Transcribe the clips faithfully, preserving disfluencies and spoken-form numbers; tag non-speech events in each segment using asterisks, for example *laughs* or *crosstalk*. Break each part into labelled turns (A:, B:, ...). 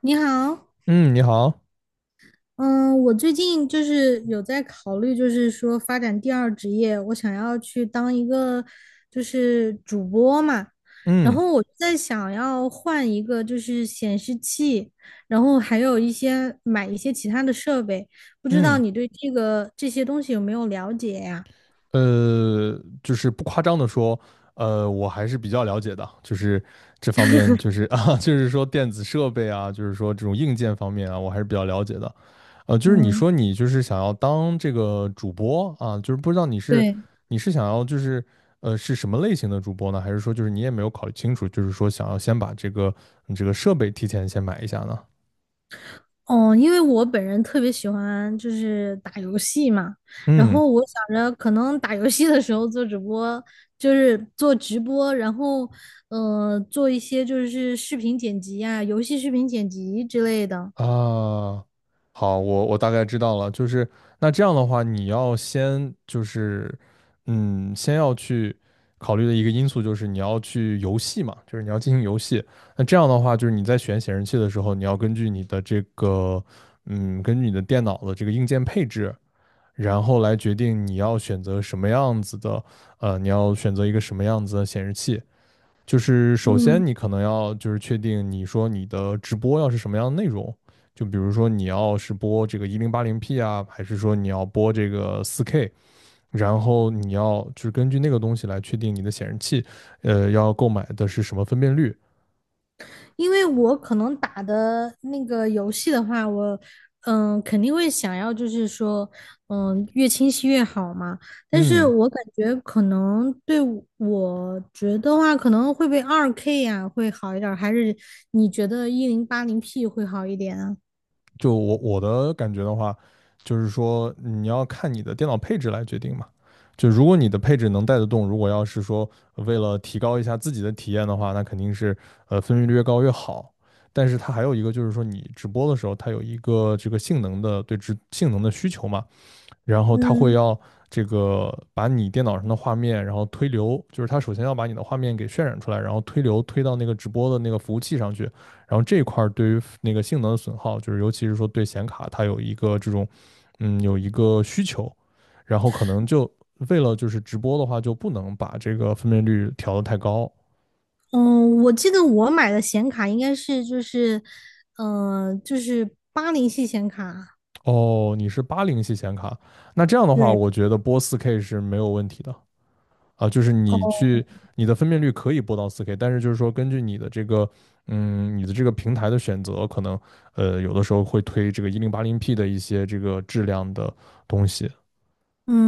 A: 你好，
B: 嗯，你好。
A: 嗯，我最近就是有在考虑，就是说发展第二职业，我想要去当一个就是主播嘛，然
B: 嗯
A: 后我在想要换一个就是显示器，然后还有一些买一些其他的设备，不知道
B: 嗯，
A: 你对这个这些东西有没有了解呀？
B: 呃，就是不夸张的说，呃，我还是比较了解的，就是这方面，就是 *laughs* 啊，就是说电子设备啊，就是说这种硬件方面啊，我还是比较了解的。呃，就是你
A: 嗯，
B: 说你就是想要当这个主播啊，就是不知道你是
A: 对。
B: 你是想要就是呃是什么类型的主播呢？还是说就是你也没有考虑清楚，就是说想要先把这个你这个设备提前先买一下呢？
A: 哦，因为我本人特别喜欢就是打游戏嘛，然
B: 嗯。
A: 后我想着可能打游戏的时候做直播，就是做直播，然后呃做一些就是视频剪辑啊，游戏视频剪辑之类的。
B: 啊，好，我我大概知道了，就是那这样的话，你要先就是，嗯，先要去考虑的一个因素就是你要去游戏嘛，就是你要进行游戏。那这样的话，就是你在选显示器的时候，你要根据你的这个，嗯，根据你的电脑的这个硬件配置，然后来决定你要选择什么样子的，呃，你要选择一个什么样子的显示器。就是首先
A: 嗯，
B: 你可能要就是确定你说你的直播要是什么样的内容，就比如说你要是播这个一零八零 P 啊，还是说你要播这个四 K,然后你要就是根据那个东西来确定你的显示器，呃，要购买的是什么分辨率。
A: 因为我可能打的那个游戏的话，我嗯肯定会想要，就是说嗯越清晰越好嘛。但是
B: 嗯，
A: 我感觉可能对我我觉得话，可能会被二 K 呀、会好一点儿，还是你觉得一零八零 P 会好一点啊？
B: 就我我的感觉的话，就是说你要看你的电脑配置来决定嘛。就如果你的配置能带得动，如果要是说为了提高一下自己的体验的话，那肯定是呃分辨率越高越好。但是它还有一个就是说，你直播的时候，它有一个这个性能的对直性能的需求嘛，然后它会
A: 嗯
B: 要这个把你电脑上的画面，然后推流，就是它首先要把你的画面给渲染出来，然后推流推到那个直播的那个服务器上去，然后这一块儿对于那个性能的损耗，就是尤其是说对显卡它有一个这种，嗯，有一个需求，然后可能就为了就是直播的话，就不能把这个分辨率调得太高。
A: 嗯，我记得我买的显卡应该是就是嗯、呃就是八零系显卡。
B: 哦，你是八零系显卡，那这样的话，
A: 对，
B: 我觉得播四 K 是没有问题的。啊，就是你
A: 哦，
B: 去你的分辨率可以播到四 k, 但是就是说根据你的这个，嗯，你的这个平台的选择，可能呃有的时候会推这个一零八零 p 的一些这个质量的东西。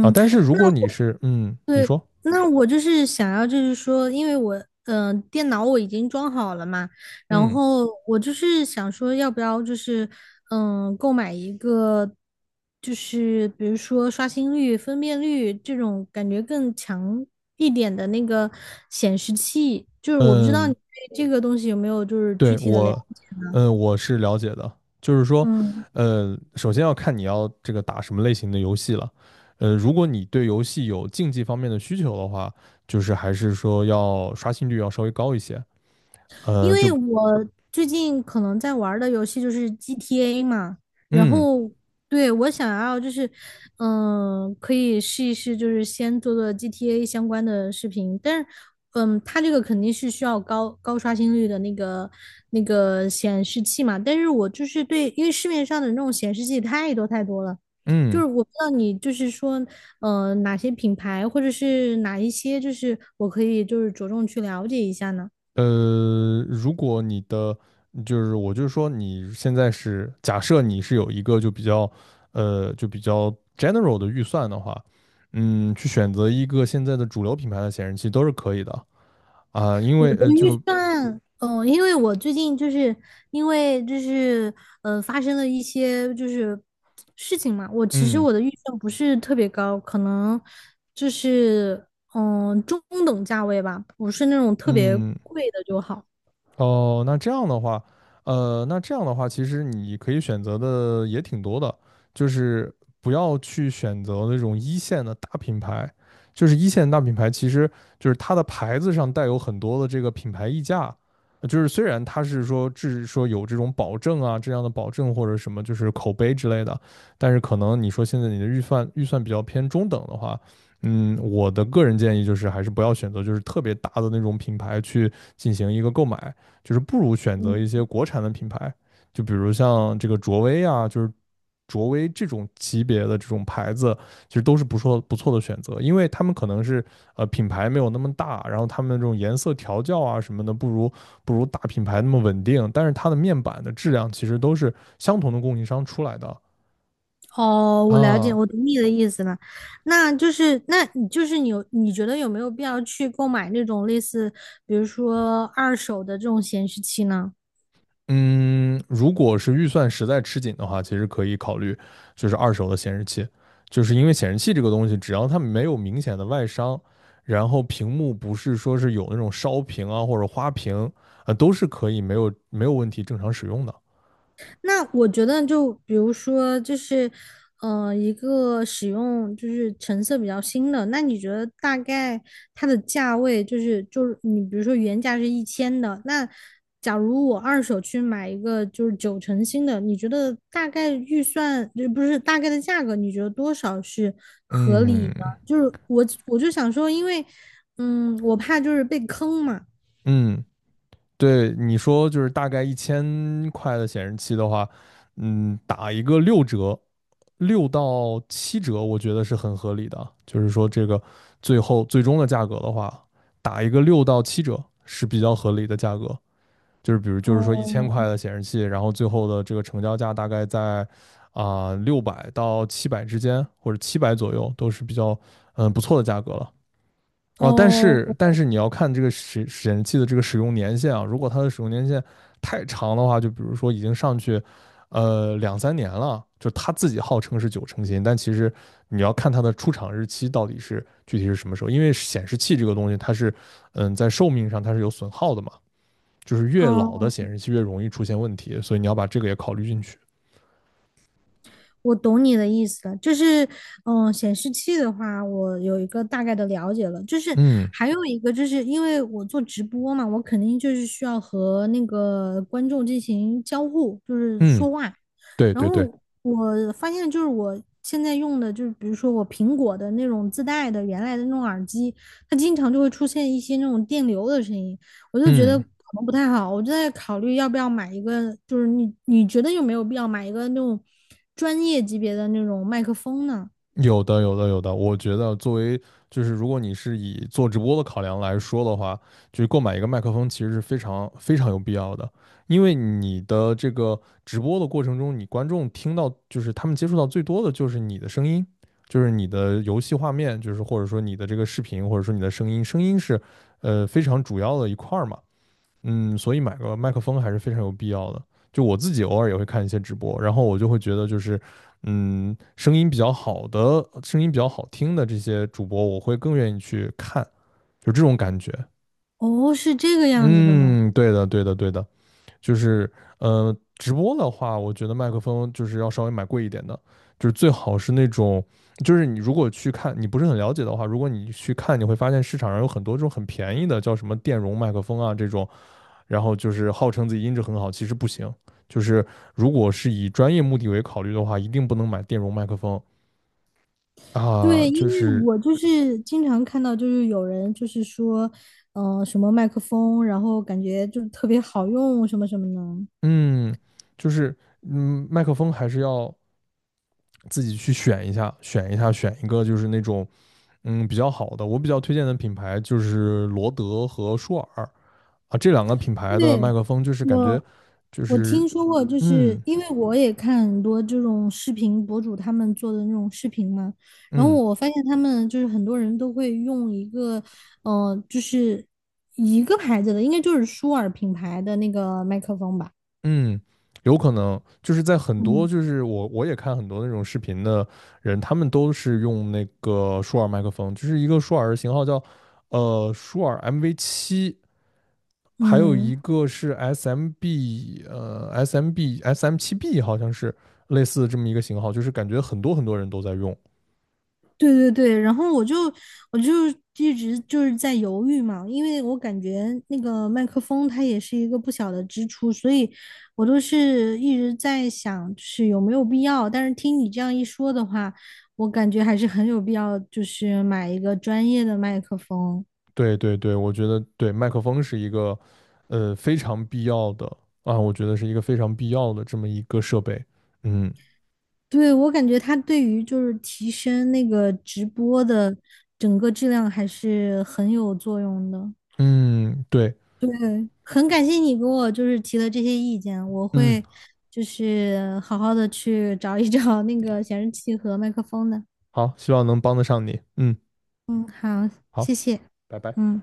B: 啊，但是如
A: 那
B: 果你是，嗯，你
A: 对，
B: 说，
A: 那我就是想要，就是说，因为我，嗯、电脑我已经装好了嘛，然
B: 嗯
A: 后我就是想说，要不要就是，嗯、购买一个，就是比如说刷新率、分辨率这种感觉更强一点的那个显示器，就是我不知道你
B: 嗯
A: 对这个东西有没有就是具
B: 对。
A: 体的了
B: 我，
A: 解，
B: 嗯我是了解的，就是说
A: 嗯。
B: 呃首先要看你要这个打什么类型的游戏了。呃，如果你对游戏有竞技方面的需求的话，就是还是说要刷新率要稍微高一些。呃，
A: 因
B: 就
A: 为我最近可能在玩儿的游戏就是 G T A 嘛，然
B: 嗯
A: 后对我想要就是，嗯、可以试一试，就是先做做 G T A 相关的视频，但是，嗯，它这个肯定是需要高高刷新率的那个那个显示器嘛，但是我就是对，因为市面上的那种显示器太多太多了。就是
B: 嗯，
A: 我不知道你就是说，呃，哪些品牌或者是哪一些，就是我可以就是着重去了解一下呢？
B: 呃，如果你的就是我就是说你现在是假设你是有一个就比较呃就比较 general 的预算的话，嗯，去选择一个现在的主流品牌的显示器都是可以的。啊，因
A: 我
B: 为
A: 的
B: 呃
A: 预
B: 就
A: 算，嗯，因为我最近就是因为就是呃发生了一些就是事情嘛，我其实
B: 嗯
A: 我的预算不是特别高，可能就是嗯、中等价位吧，不是那种特别
B: 嗯
A: 贵的就好。
B: 哦，那这样的话，呃，那这样的话，其实你可以选择的也挺多的，就是不要去选择那种一线的大品牌，就是一线大品牌，其实就是它的牌子上带有很多的这个品牌溢价，呃就是虽然它是说只说有这种保证啊，这样的保证或者什么就是口碑之类的，但是可能你说现在你的预算预算比较偏中等的话，嗯，我的个人建议就是还是不要选择就是特别大的那种品牌去进行一个购买。就是不如选择一些国产的品牌，就比如像这个卓威啊，就是卓威这种级别的这种牌子，其实都是不错不错的选择，因为他们可能是呃品牌没有那么大，然后他们这种颜色调教啊什么的，不如不如大品牌那么稳定，但是它的面板的质量其实都是相同的供应商出来的。
A: 哦，我了解，
B: 啊，
A: 我懂你的意思了。那就是那你就是你有你觉得有没有必要去购买那种类似比如说二手的这种显示器呢？
B: 嗯，如果是预算实在吃紧的话，其实可以考虑就是二手的显示器，就是因为显示器这个东西，只要它没有明显的外伤，然后屏幕不是说是有那种烧屏啊或者花屏，呃，都是可以没有没有问题正常使用的。
A: 那我觉得，就比如说，就是，呃，一个使用就是成色比较新的，那你觉得大概它的价位就是，就是你比如说原价是一千的，那假如我二手去买一个就是九成新的，你觉得大概预算，就不是大概的价格，你觉得多少是合理
B: 嗯
A: 的？就是我我就想说，因为，嗯，我怕就是被坑嘛。
B: 嗯，对，你说就是大概一千块的显示器的话，嗯，打一个六折，六到七折，我觉得是很合理的。就是说，这个最后最终的价格的话，打一个六到七折是比较合理的价格。就是比如，就是说一千块
A: 哦
B: 的显示器，然后最后的这个成交价大概在，啊，六百到七百之间，或者七百左右，都是比较，嗯，不错的价格了。哦，但
A: 哦
B: 是但是你要看这个显显示器的这个使用年限啊，如果它的使用年限太长的话，就比如说已经上去，呃，两三年了，就它自己号称是九成新，但其实你要看它的出厂日期到底是具体是什么时候，因为显示器这个东西它是，嗯，在寿命上它是有损耗的嘛，就是越老的
A: 哦，
B: 显示器越容易出现问题，所以你要把这个也考虑进去。
A: 我懂你的意思了，就是，嗯，显示器的话，我有一个大概的了解了。就是
B: 嗯
A: 还有一个，就是因为我做直播嘛，我肯定就是需要和那个观众进行交互，就是
B: 嗯，
A: 说话。
B: 对
A: 然
B: 对对，
A: 后我发现就是我现在用的，就是比如说我苹果的那种自带的原来的那种耳机，它经常就会出现一些那种电流的声音，我就觉得可
B: 嗯。
A: 能不太好，我就在考虑要不要买一个，就是你你觉得有没有必要买一个那种专业级别的那种麦克风呢？
B: 有的，有的，有的。我觉得作为就是如果你是以做直播的考量来说的话，就是购买一个麦克风其实是非常非常有必要的，因为你的这个直播的过程中，你观众听到就是他们接触到最多的就是你的声音，就是你的游戏画面，就是或者说你的这个视频，或者说你的声音，声音是呃非常主要的一块儿嘛。嗯，所以买个麦克风还是非常有必要的。就我自己偶尔也会看一些直播，然后我就会觉得就是，嗯，声音比较好的、声音比较好听的这些主播，我会更愿意去看，就这种感觉。
A: 哦，是这个样子的吗？
B: 嗯，对的，对的，对的，就是呃，直播的话，我觉得麦克风就是要稍微买贵一点的，就是最好是那种，就是你如果去看，你不是很了解的话，如果你去看，你会发现市场上有很多这种很便宜的，叫什么电容麦克风啊这种，然后就是号称自己音质很好，其实不行。就是如果是以专业目的为考虑的话，一定不能买电容麦克风啊。
A: 对，
B: 就
A: 因为
B: 是，
A: 我就是经常看到，就是有人就是说，嗯、什么麦克风，然后感觉就特别好用，什么什么的。
B: 嗯，就是，嗯，麦克风还是要自己去选一下，选一下，选一个就是那种，嗯，比较好的。我比较推荐的品牌就是罗德和舒尔，啊，这两个品牌的
A: 对，
B: 麦克风就是感觉
A: 我
B: 就
A: 我
B: 是，
A: 听说过，就是
B: 嗯
A: 因为我也看很多这种视频博主他们做的那种视频嘛，然后
B: 嗯。
A: 我发现他们就是很多人都会用一个，呃，就是一个牌子的，应该就是舒尔品牌的那个麦克风吧。
B: 嗯，有可能就是在很多
A: 嗯
B: 就是我我也看很多那种视频的人，他们都是用那个舒尔麦克风，就是一个舒尔的型号叫呃舒尔 M V 七，还有
A: 嗯，
B: 一个是 SMB 呃 SMB S M 七 B 好像是类似这么一个型号，就是感觉很多很多人都在用。
A: 对对对，然后我就我就一直就是在犹豫嘛，因为我感觉那个麦克风它也是一个不小的支出，所以我都是一直在想，就是有没有必要。但是听你这样一说的话，我感觉还是很有必要，就是买一个专业的麦克风。
B: 对对对，我觉得对麦克风是一个呃非常必要的，啊，我觉得是一个非常必要的这么一个设备。嗯
A: 对，我感觉它对于就是提升那个直播的整个质量还是很有作用的。
B: 嗯，对。
A: 对，很感谢你给我就是提的这些意见，我
B: 嗯，
A: 会就是好好的去找一找那个显示器和麦克风的。
B: 好，希望能帮得上你。嗯，
A: 嗯，好，谢
B: 好，
A: 谢。
B: 拜拜。
A: 嗯。